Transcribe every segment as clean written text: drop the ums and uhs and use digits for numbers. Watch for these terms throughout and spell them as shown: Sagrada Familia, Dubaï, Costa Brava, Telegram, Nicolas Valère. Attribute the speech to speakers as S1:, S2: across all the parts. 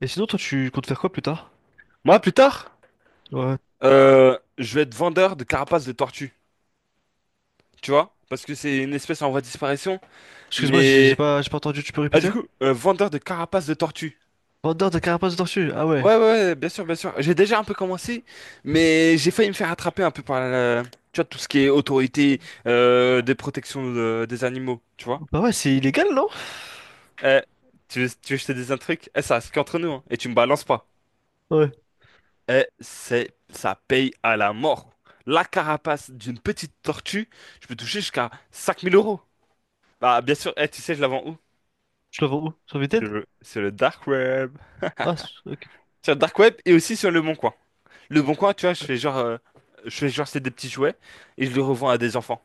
S1: Et sinon, toi, tu comptes faire quoi plus tard?
S2: Moi, plus tard,
S1: Ouais.
S2: je vais être vendeur de carapaces de tortues, tu vois? Parce que c'est une espèce en voie de disparition.
S1: Excuse-moi, j'ai j'ai
S2: Mais...
S1: pas, j'ai pas entendu, tu peux
S2: Ah, du
S1: répéter?
S2: coup, vendeur de carapaces de tortues.
S1: Vendeur de carapace de tortue, ah ouais.
S2: Ouais, ouais, ouais, bien sûr, bien sûr. J'ai déjà un peu commencé, mais j'ai failli me faire attraper un peu par la... Tu vois, tout ce qui est autorité des protections des animaux, tu vois?
S1: Bah ouais, c'est illégal, non?
S2: Eh, tu veux que je te dise un truc? Eh, ça, c'est qu'entre nous, hein, et tu me balances pas.
S1: Ouais.
S2: Eh, c'est... Ça paye à la mort. La carapace d'une petite tortue, je peux toucher jusqu'à 5000 euros. Bah, bien sûr, eh, tu sais, je la vends où?
S1: Je le vends où? Sur
S2: Sur
S1: Vinted?
S2: le, sur le dark web.
S1: Ah, ok.
S2: Sur le dark web et aussi sur le Bon Coin. Le Bon Coin, tu vois, je fais genre, c'est des petits jouets et je les revends à des enfants.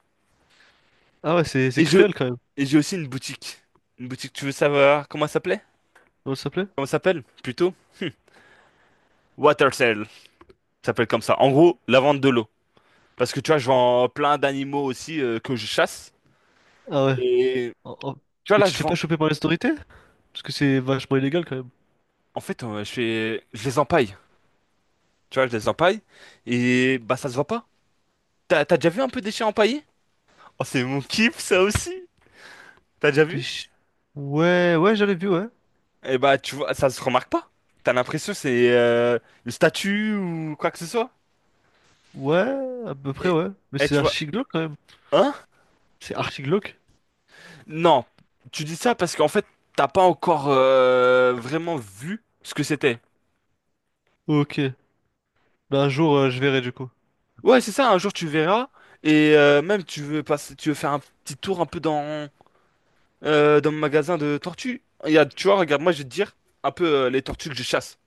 S1: Ah ouais, c'est
S2: Et je,
S1: cruel quand même.
S2: et j'ai aussi une boutique. Une boutique, tu veux savoir comment ça s'appelait?
S1: Comment ça s'appelait?
S2: Comment ça s'appelle? Plutôt? Water Sale. Ça s'appelle comme ça. En gros, la vente de l'eau. Parce que tu vois, je vends plein d'animaux aussi que je chasse.
S1: Ah ouais.
S2: Et
S1: Oh, oh.
S2: tu vois,
S1: Mais
S2: là,
S1: tu te
S2: je
S1: fais pas
S2: vends.
S1: choper par les autorités? Parce que c'est vachement illégal quand même.
S2: En fait, je les empaille. Tu vois, je les empaille et bah, ça se voit pas. T'as déjà vu un peu des chiens empaillés? Oh, c'est mon kiff, ça aussi. T'as déjà
S1: T'es
S2: vu?
S1: ch- Ouais, ouais, j'avais vu, ouais.
S2: Eh bah, tu vois, ça se remarque pas. T'as l'impression que c'est une statue ou quoi que ce soit.
S1: Ouais, à peu près,
S2: Et,
S1: ouais. Mais
S2: et
S1: c'est
S2: tu vois,
S1: archi glauque quand même.
S2: hein?
S1: C'est archi glauque?
S2: Non, tu dis ça parce qu'en fait, t'as pas encore vraiment vu ce que c'était.
S1: Ok. Bah un jour, je verrai du coup.
S2: Ouais, c'est ça. Un jour, tu verras. Même, tu veux passer, tu veux faire un petit tour un peu dans mon magasin de tortues. Il y a, tu vois, regarde, moi, je vais te dire un peu les tortues que je chasse.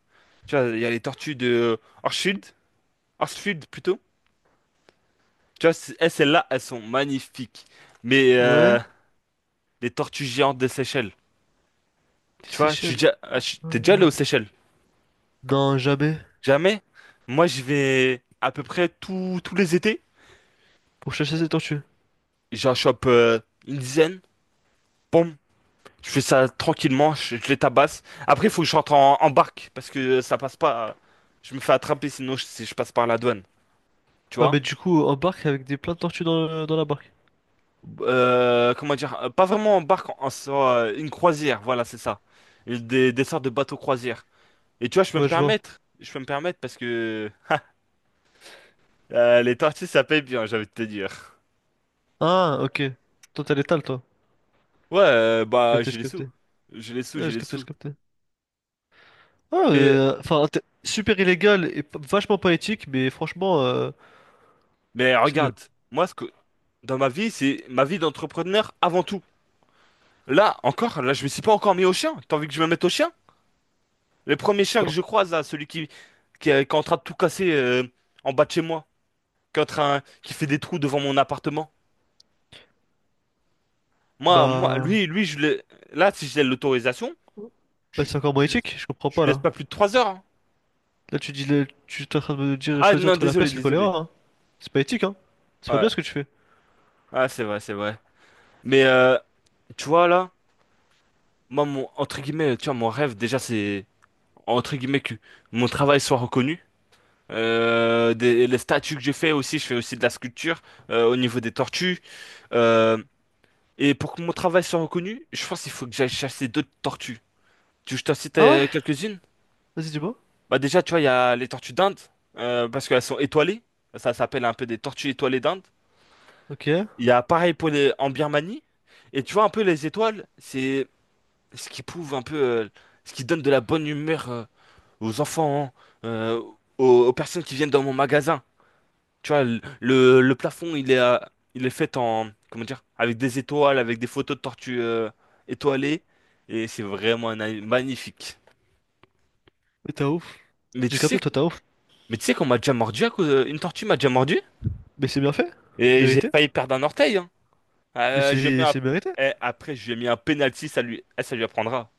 S2: Tu vois, il y a les tortues de Orchfield, Orchfield plutôt. Tu vois, eh, celles-là, elles sont magnifiques. Mais
S1: Ouais,
S2: les tortues géantes des Seychelles.
S1: des
S2: Tu vois, je suis
S1: Seychelles.
S2: déjà, ah, je- t'es
S1: Hum,
S2: déjà allé
S1: hum.
S2: aux Seychelles?
S1: Non, jamais.
S2: Jamais? Moi, je vais à peu près tous les étés.
S1: Pour chasser ces tortues.
S2: J'en chope une dizaine. Boum. Je fais ça tranquillement, je les tabasse. Après, il faut que je rentre en barque parce que ça passe pas. Je me fais attraper sinon si je passe par la douane. Tu
S1: Ah,
S2: vois?
S1: mais du coup, en barque avec des plein de tortues dans, dans la barque.
S2: Comment dire? Pas vraiment en barque, une croisière. Voilà, c'est ça. Des sortes de bateaux croisières. Et tu vois, je peux me
S1: Ouais, je vois.
S2: permettre. Je peux me permettre parce que les tortillas, ça paye bien, j'avais envie de te dire.
S1: Ah, ok. Toi, t'as l'étale, toi.
S2: Ouais,
S1: J'ai
S2: bah,
S1: capté,
S2: j'ai
S1: j'ai
S2: les
S1: capté.
S2: sous. J'ai les sous,
S1: Ouais,
S2: j'ai
S1: j'ai
S2: les
S1: capté, j'ai
S2: sous.
S1: capté. Ah,
S2: Mais,
S1: enfin, super illégal et vachement pas éthique, mais franchement,
S2: mais
S1: c'est nul.
S2: regarde, moi, dans ma vie, c'est ma vie d'entrepreneur avant tout. Là, encore, là, je me suis pas encore mis au chien. T'as envie que je me mette au chien? Le premier chien que
S1: Non.
S2: je croise, là, celui qui est en train de tout casser en bas de chez moi, qui est en train, qui fait des trous devant mon appartement. Moi,
S1: Bah,
S2: lui, là, si j'ai l'autorisation,
S1: bah,
S2: je,
S1: c'est encore moins
S2: je laisse,
S1: éthique, je comprends
S2: je
S1: pas,
S2: lui laisse
S1: là.
S2: pas plus de 3 heures, hein.
S1: Là, tu dis, tu es en train de me dire
S2: Ah
S1: choisir
S2: non,
S1: entre la
S2: désolé,
S1: peste et le
S2: désolé.
S1: choléra, hein. C'est pas éthique, hein. C'est pas bien
S2: Ouais.
S1: ce que tu fais.
S2: Ah, c'est vrai, c'est vrai. Mais tu vois là, moi mon entre guillemets, tu vois, mon rêve déjà c'est entre guillemets que mon travail soit reconnu. Les statues que j'ai fait aussi, je fais aussi de la sculpture au niveau des tortues. Euh, et pour que mon travail soit reconnu, je pense qu'il faut que j'aille chasser d'autres tortues. Tu veux que je t'en cite
S1: Ah ouais?
S2: quelques-unes?
S1: Vas-y, dis-moi.
S2: Bah déjà, tu vois, il y a les tortues d'Inde, parce qu'elles sont étoilées. Ça s'appelle un peu des tortues étoilées d'Inde.
S1: Ok. Mais
S2: Il y a pareil pour les... en Birmanie. Et tu vois un peu les étoiles, c'est ce qui prouve un peu, ce qui donne de la bonne humeur aux enfants, hein, aux personnes qui viennent dans mon magasin. Tu vois, le plafond, il est fait en, comment dire, avec des étoiles, avec des photos de tortues étoilées. Et c'est vraiment un animal magnifique.
S1: t'as ouf.
S2: Mais tu
S1: J'ai
S2: sais,
S1: capté, toi, t'as ouf.
S2: mais tu sais qu'on m'a déjà mordu une tortue m'a déjà mordu
S1: Mais c'est bien fait.
S2: et j'ai
S1: Mérité.
S2: failli perdre un orteil, hein.
S1: Mais
S2: Euh, je mets
S1: c'est
S2: un-
S1: c'est mérité.
S2: eh, après, je lui ai mis un penalty, ça lui apprendra.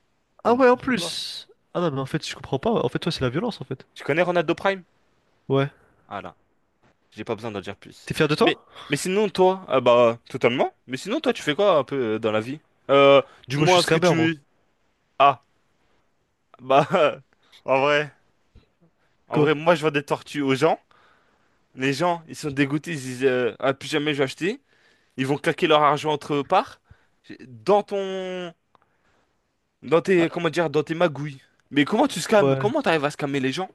S1: Ah ouais, en
S2: N'importe quoi.
S1: plus. Ah non, mais en fait, je comprends pas. En fait, toi, c'est la violence, en fait.
S2: Tu connais Ronaldo Prime?
S1: Ouais.
S2: Ah là, j'ai pas besoin d'en dire plus.
S1: T'es fier de
S2: Mais,
S1: toi?
S2: mais sinon, toi, ah bah, totalement. Mais sinon, toi, tu fais quoi un peu dans la vie? Euh, du
S1: Moi, je
S2: moins,
S1: suis
S2: ce que
S1: scammer, moi.
S2: tu... Ah, bah, en vrai, en
S1: Quoi?
S2: vrai, moi, je vends des tortues aux gens. Les gens, ils sont dégoûtés, ils disent, ah, plus jamais je vais acheter. Ils vont claquer leur argent entre eux parts. Dans ton... Dans
S1: Ah,
S2: tes, comment dire, dans tes magouilles. Mais comment tu scams?
S1: ouais.
S2: Comment t'arrives à scammer les gens?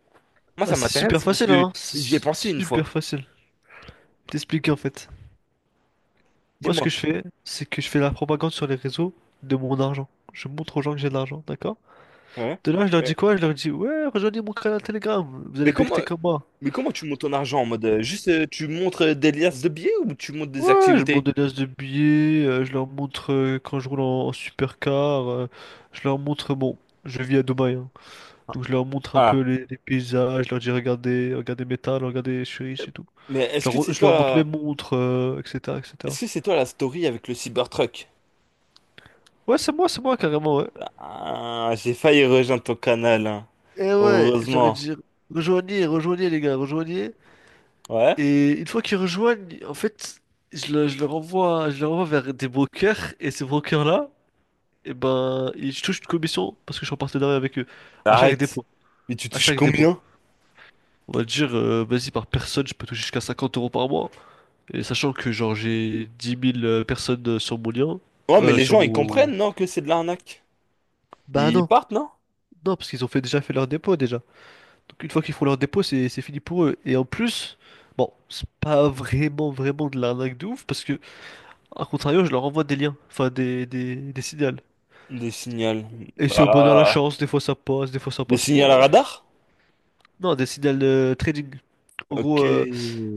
S2: Moi,
S1: Ah,
S2: ça
S1: c'est super
S2: m'intéresse parce
S1: facile,
S2: que
S1: hein.
S2: j'y ai
S1: C'est
S2: pensé une fois.
S1: super facile. Je T'expliquer, en fait. Moi, ce
S2: Dis-moi.
S1: que je fais, c'est que je fais la propagande sur les réseaux de mon argent. Je montre aux gens que j'ai de l'argent, d'accord?
S2: Ouais.
S1: De là, je leur dis quoi? Je leur dis, ouais, rejoignez mon canal Telegram. Vous
S2: Mais
S1: allez
S2: comment,
S1: becquer comme moi.
S2: mais comment tu montes ton argent en mode juste tu montres des liasses de billets ou tu montes des
S1: Ouais, je monte
S2: activités?
S1: des liasses de billets. Je leur montre quand je roule en supercar. Je leur montre, bon, je vis à Dubaï, hein. Donc je leur montre un peu
S2: Ah,
S1: les paysages, je leur dis regardez, regardez mes talents, regardez, je suis riche et tout.
S2: mais
S1: Je leur, je leur montre mes montres, etc., etc.
S2: est-ce que c'est toi la story avec le Cybertruck?
S1: Ouais, c'est moi carrément, ouais.
S2: Ah, j'ai failli rejoindre ton canal, hein.
S1: Et ouais, je leur ai
S2: Heureusement.
S1: dit rejoignez, rejoignez les gars, rejoignez.
S2: Ouais?
S1: Et une fois qu'ils rejoignent, en fait, je leur envoie vers des brokers et ces brokers-là, et ben, ils touchent une commission parce que je suis en partenariat avec eux à chaque
S2: Arrête.
S1: dépôt,
S2: Mais tu
S1: à
S2: touches
S1: chaque dépôt.
S2: combien?
S1: On va dire, vas-y, par personne, je peux toucher jusqu'à 50 euros par mois. Et sachant que genre j'ai 10 000 personnes sur mon lien,
S2: Ouais, mais les
S1: sur
S2: gens ils
S1: mon...
S2: comprennent, non, que c'est de l'arnaque.
S1: Bah
S2: Ils
S1: non,
S2: partent, non?
S1: non, parce qu'ils ont fait, déjà fait leur dépôt déjà. Donc une fois qu'ils font leur dépôt, c'est fini pour eux. Et en plus, bon, c'est pas vraiment, vraiment de l'arnaque de ouf, parce que, à contrario, je leur envoie des liens, enfin des signals.
S2: Des signaux.
S1: Et c'est au bonheur la
S2: Ah,
S1: chance, des fois ça passe, des fois ça
S2: des
S1: passe
S2: signaux à
S1: pas.
S2: radar?
S1: Non, des signals trading. En
S2: Ok.
S1: gros,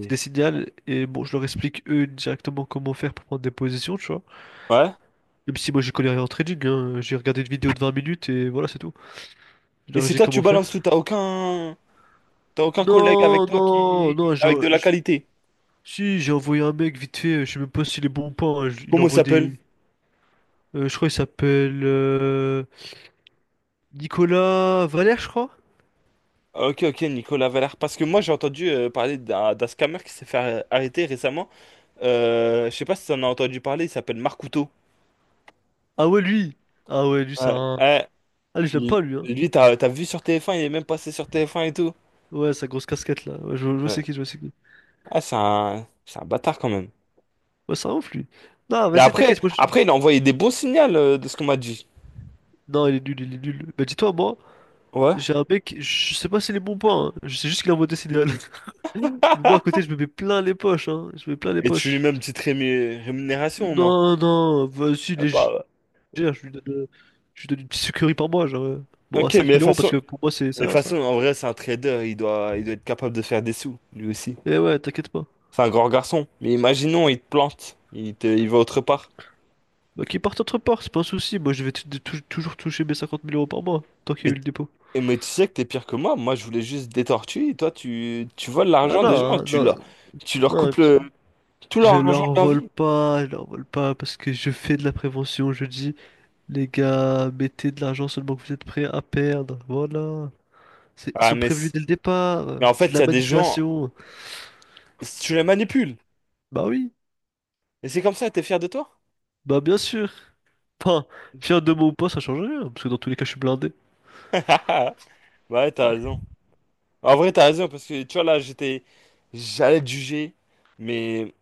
S1: c'est des signals, et bon, je leur explique eux directement comment faire pour prendre des positions, tu vois.
S2: Ouais.
S1: Même si moi j'y connais rien en trading, hein, j'ai regardé une vidéo de 20 minutes et voilà, c'est tout. Je
S2: Et
S1: leur ai
S2: c'est
S1: dit
S2: toi, tu
S1: comment faire.
S2: balances tout, t'as aucun. T'as aucun collègue avec
S1: Non,
S2: toi
S1: non,
S2: qui...
S1: non,
S2: avec de la qualité?
S1: si j'ai envoyé un mec vite fait, je sais même pas s'il est bon ou pas, hein, il
S2: Comment il
S1: envoie des...
S2: s'appelle?
S1: Je crois il s'appelle Nicolas Valère, je crois.
S2: Ok, ok, Nicolas Valère. Parce que moi, j'ai entendu parler d'un scammer qui s'est fait arrêter récemment. Je sais pas si t'en as entendu parler, il s'appelle Marc Couteau.
S1: Ah ouais, lui! Ah ouais, lui,
S2: Ouais, ouais.
S1: Ah, lui, je l'aime
S2: Lui,
S1: pas, lui, hein.
S2: lui, t'as vu sur TF1, il est même passé sur TF1 et tout.
S1: Ouais, sa grosse casquette, là. Ouais, je
S2: Ouais.
S1: sais qui, je sais qui.
S2: Ah, c'est un bâtard quand même.
S1: Ouais, c'est un ouf, lui. Non,
S2: Mais
S1: vas-y,
S2: après,
S1: t'inquiète, moi, je...
S2: après, il a envoyé des bons signaux de ce qu'on m'a dit.
S1: Non, il est nul, il est nul. Bah dis-toi, moi...
S2: Ouais.
S1: J'ai un mec, je sais pas si les bons points, hein. Je sais juste qu'il a un modèle idéal. Mais moi à côté, je me mets plein les poches, hein. Je me mets plein les
S2: Et tu lui
S1: poches.
S2: mets une petite rémunération au moins.
S1: Non, non, vas-y,
S2: Ah, pas,
S1: légère,
S2: ouais.
S1: je lui donne, euh, je lui donne une petite sucrerie par mois, genre. Bon, à
S2: Ok, mais
S1: cinq
S2: de toute
S1: mille euros, parce
S2: façon,
S1: que pour moi, c'est
S2: Mais de toute
S1: ça, ça.
S2: façon, en vrai, c'est un trader, il doit être capable de faire des sous, lui aussi.
S1: Et ouais, t'inquiète pas.
S2: C'est un grand garçon. Mais imaginons, il te plante, il va autre part.
S1: Bah, qu'il parte entre parts, c'est pas un souci. Moi, je vais toujours toucher mes 50 000 euros par mois, tant qu'il y a eu
S2: Mais,
S1: le dépôt.
S2: mais tu sais que t'es pire que moi. Moi, je voulais juste des tortues, et toi, tu voles
S1: Ah
S2: l'argent
S1: non,
S2: des gens,
S1: hein, non,
S2: tu leur coupes
S1: non,
S2: le- tout
S1: je
S2: leur argent
S1: leur
S2: de leur
S1: vole
S2: vie.
S1: pas, je leur vole pas, parce que je fais de la prévention, je dis. Les gars, mettez de l'argent seulement que vous êtes prêts à perdre. Voilà. Ils
S2: Ah,
S1: sont
S2: mais,
S1: prévenus
S2: c-
S1: dès le départ.
S2: mais en
S1: C'est de
S2: fait, il
S1: la
S2: y a des gens,
S1: manipulation.
S2: tu les manipules.
S1: Bah oui,
S2: Et c'est comme ça, t'es fier de toi?
S1: bah bien sûr. Enfin, fier de moi ou pas, ça change rien. Parce que dans tous les cas, je suis blindé.
S2: Ouais, t'as raison. En vrai, t'as raison, parce que tu vois, là, j'étais. J'allais te juger, mais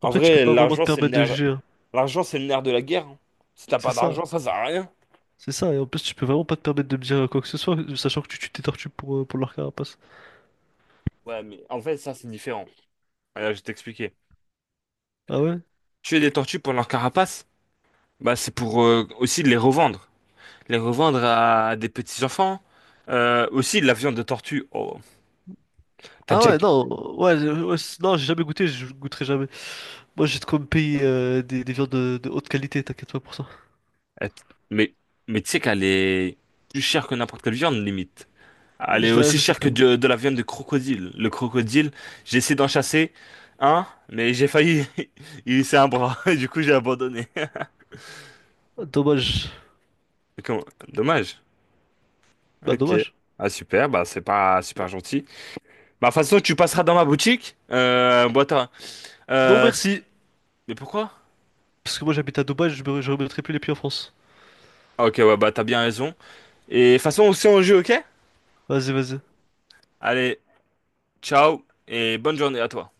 S2: en
S1: Après, tu peux
S2: vrai,
S1: pas vraiment te permettre de juger, hein.
S2: l'argent, c'est le nerf de la guerre, hein. Si t'as
S1: C'est
S2: pas
S1: ça.
S2: d'argent, ça sert à rien.
S1: C'est ça. Et en plus, tu peux vraiment pas te permettre de me dire quoi que ce soit, sachant que tu tues tes tortues pour leur carapace.
S2: Ouais, mais en fait, ça, c'est différent. Alors, je vais t'expliquer.
S1: Ah ouais?
S2: Tuer des tortues pour leur carapace, bah, c'est pour aussi de les revendre. Les revendre à des petits-enfants. Aussi, de la viande de tortue. Oh, t'as
S1: Ah
S2: déjà...
S1: ouais, non. Ouais, ouais, non, j'ai jamais goûté, je goûterai jamais. Moi, j'ai de quoi me payer des viandes de haute qualité, t'inquiète pas pour ça.
S2: euh, Mais, mais tu sais qu'elle est plus chère que n'importe quelle viande, limite. Elle est
S1: Je
S2: aussi chère que
S1: l'achèterai, moi.
S2: de la viande de crocodile. Le crocodile, j'ai essayé d'en chasser un, mais j'ai failli. Il s'est un bras. Du coup, j'ai abandonné.
S1: Dommage.
S2: Dommage.
S1: Bah
S2: Ok.
S1: dommage.
S2: Ah super, bah c'est pas super gentil. Bah de toute façon tu passeras dans ma boutique. Bon, attends.
S1: Non
S2: Euh, s-
S1: merci.
S2: mais pourquoi?
S1: Parce que moi j'habite à Dubaï, je remettrai plus les pieds en France.
S2: Ah, ok ouais bah t'as bien raison. Et de toute façon on se tient au jeu, ok?
S1: Vas-y, vas-y.
S2: Allez, ciao et bonne journée à toi.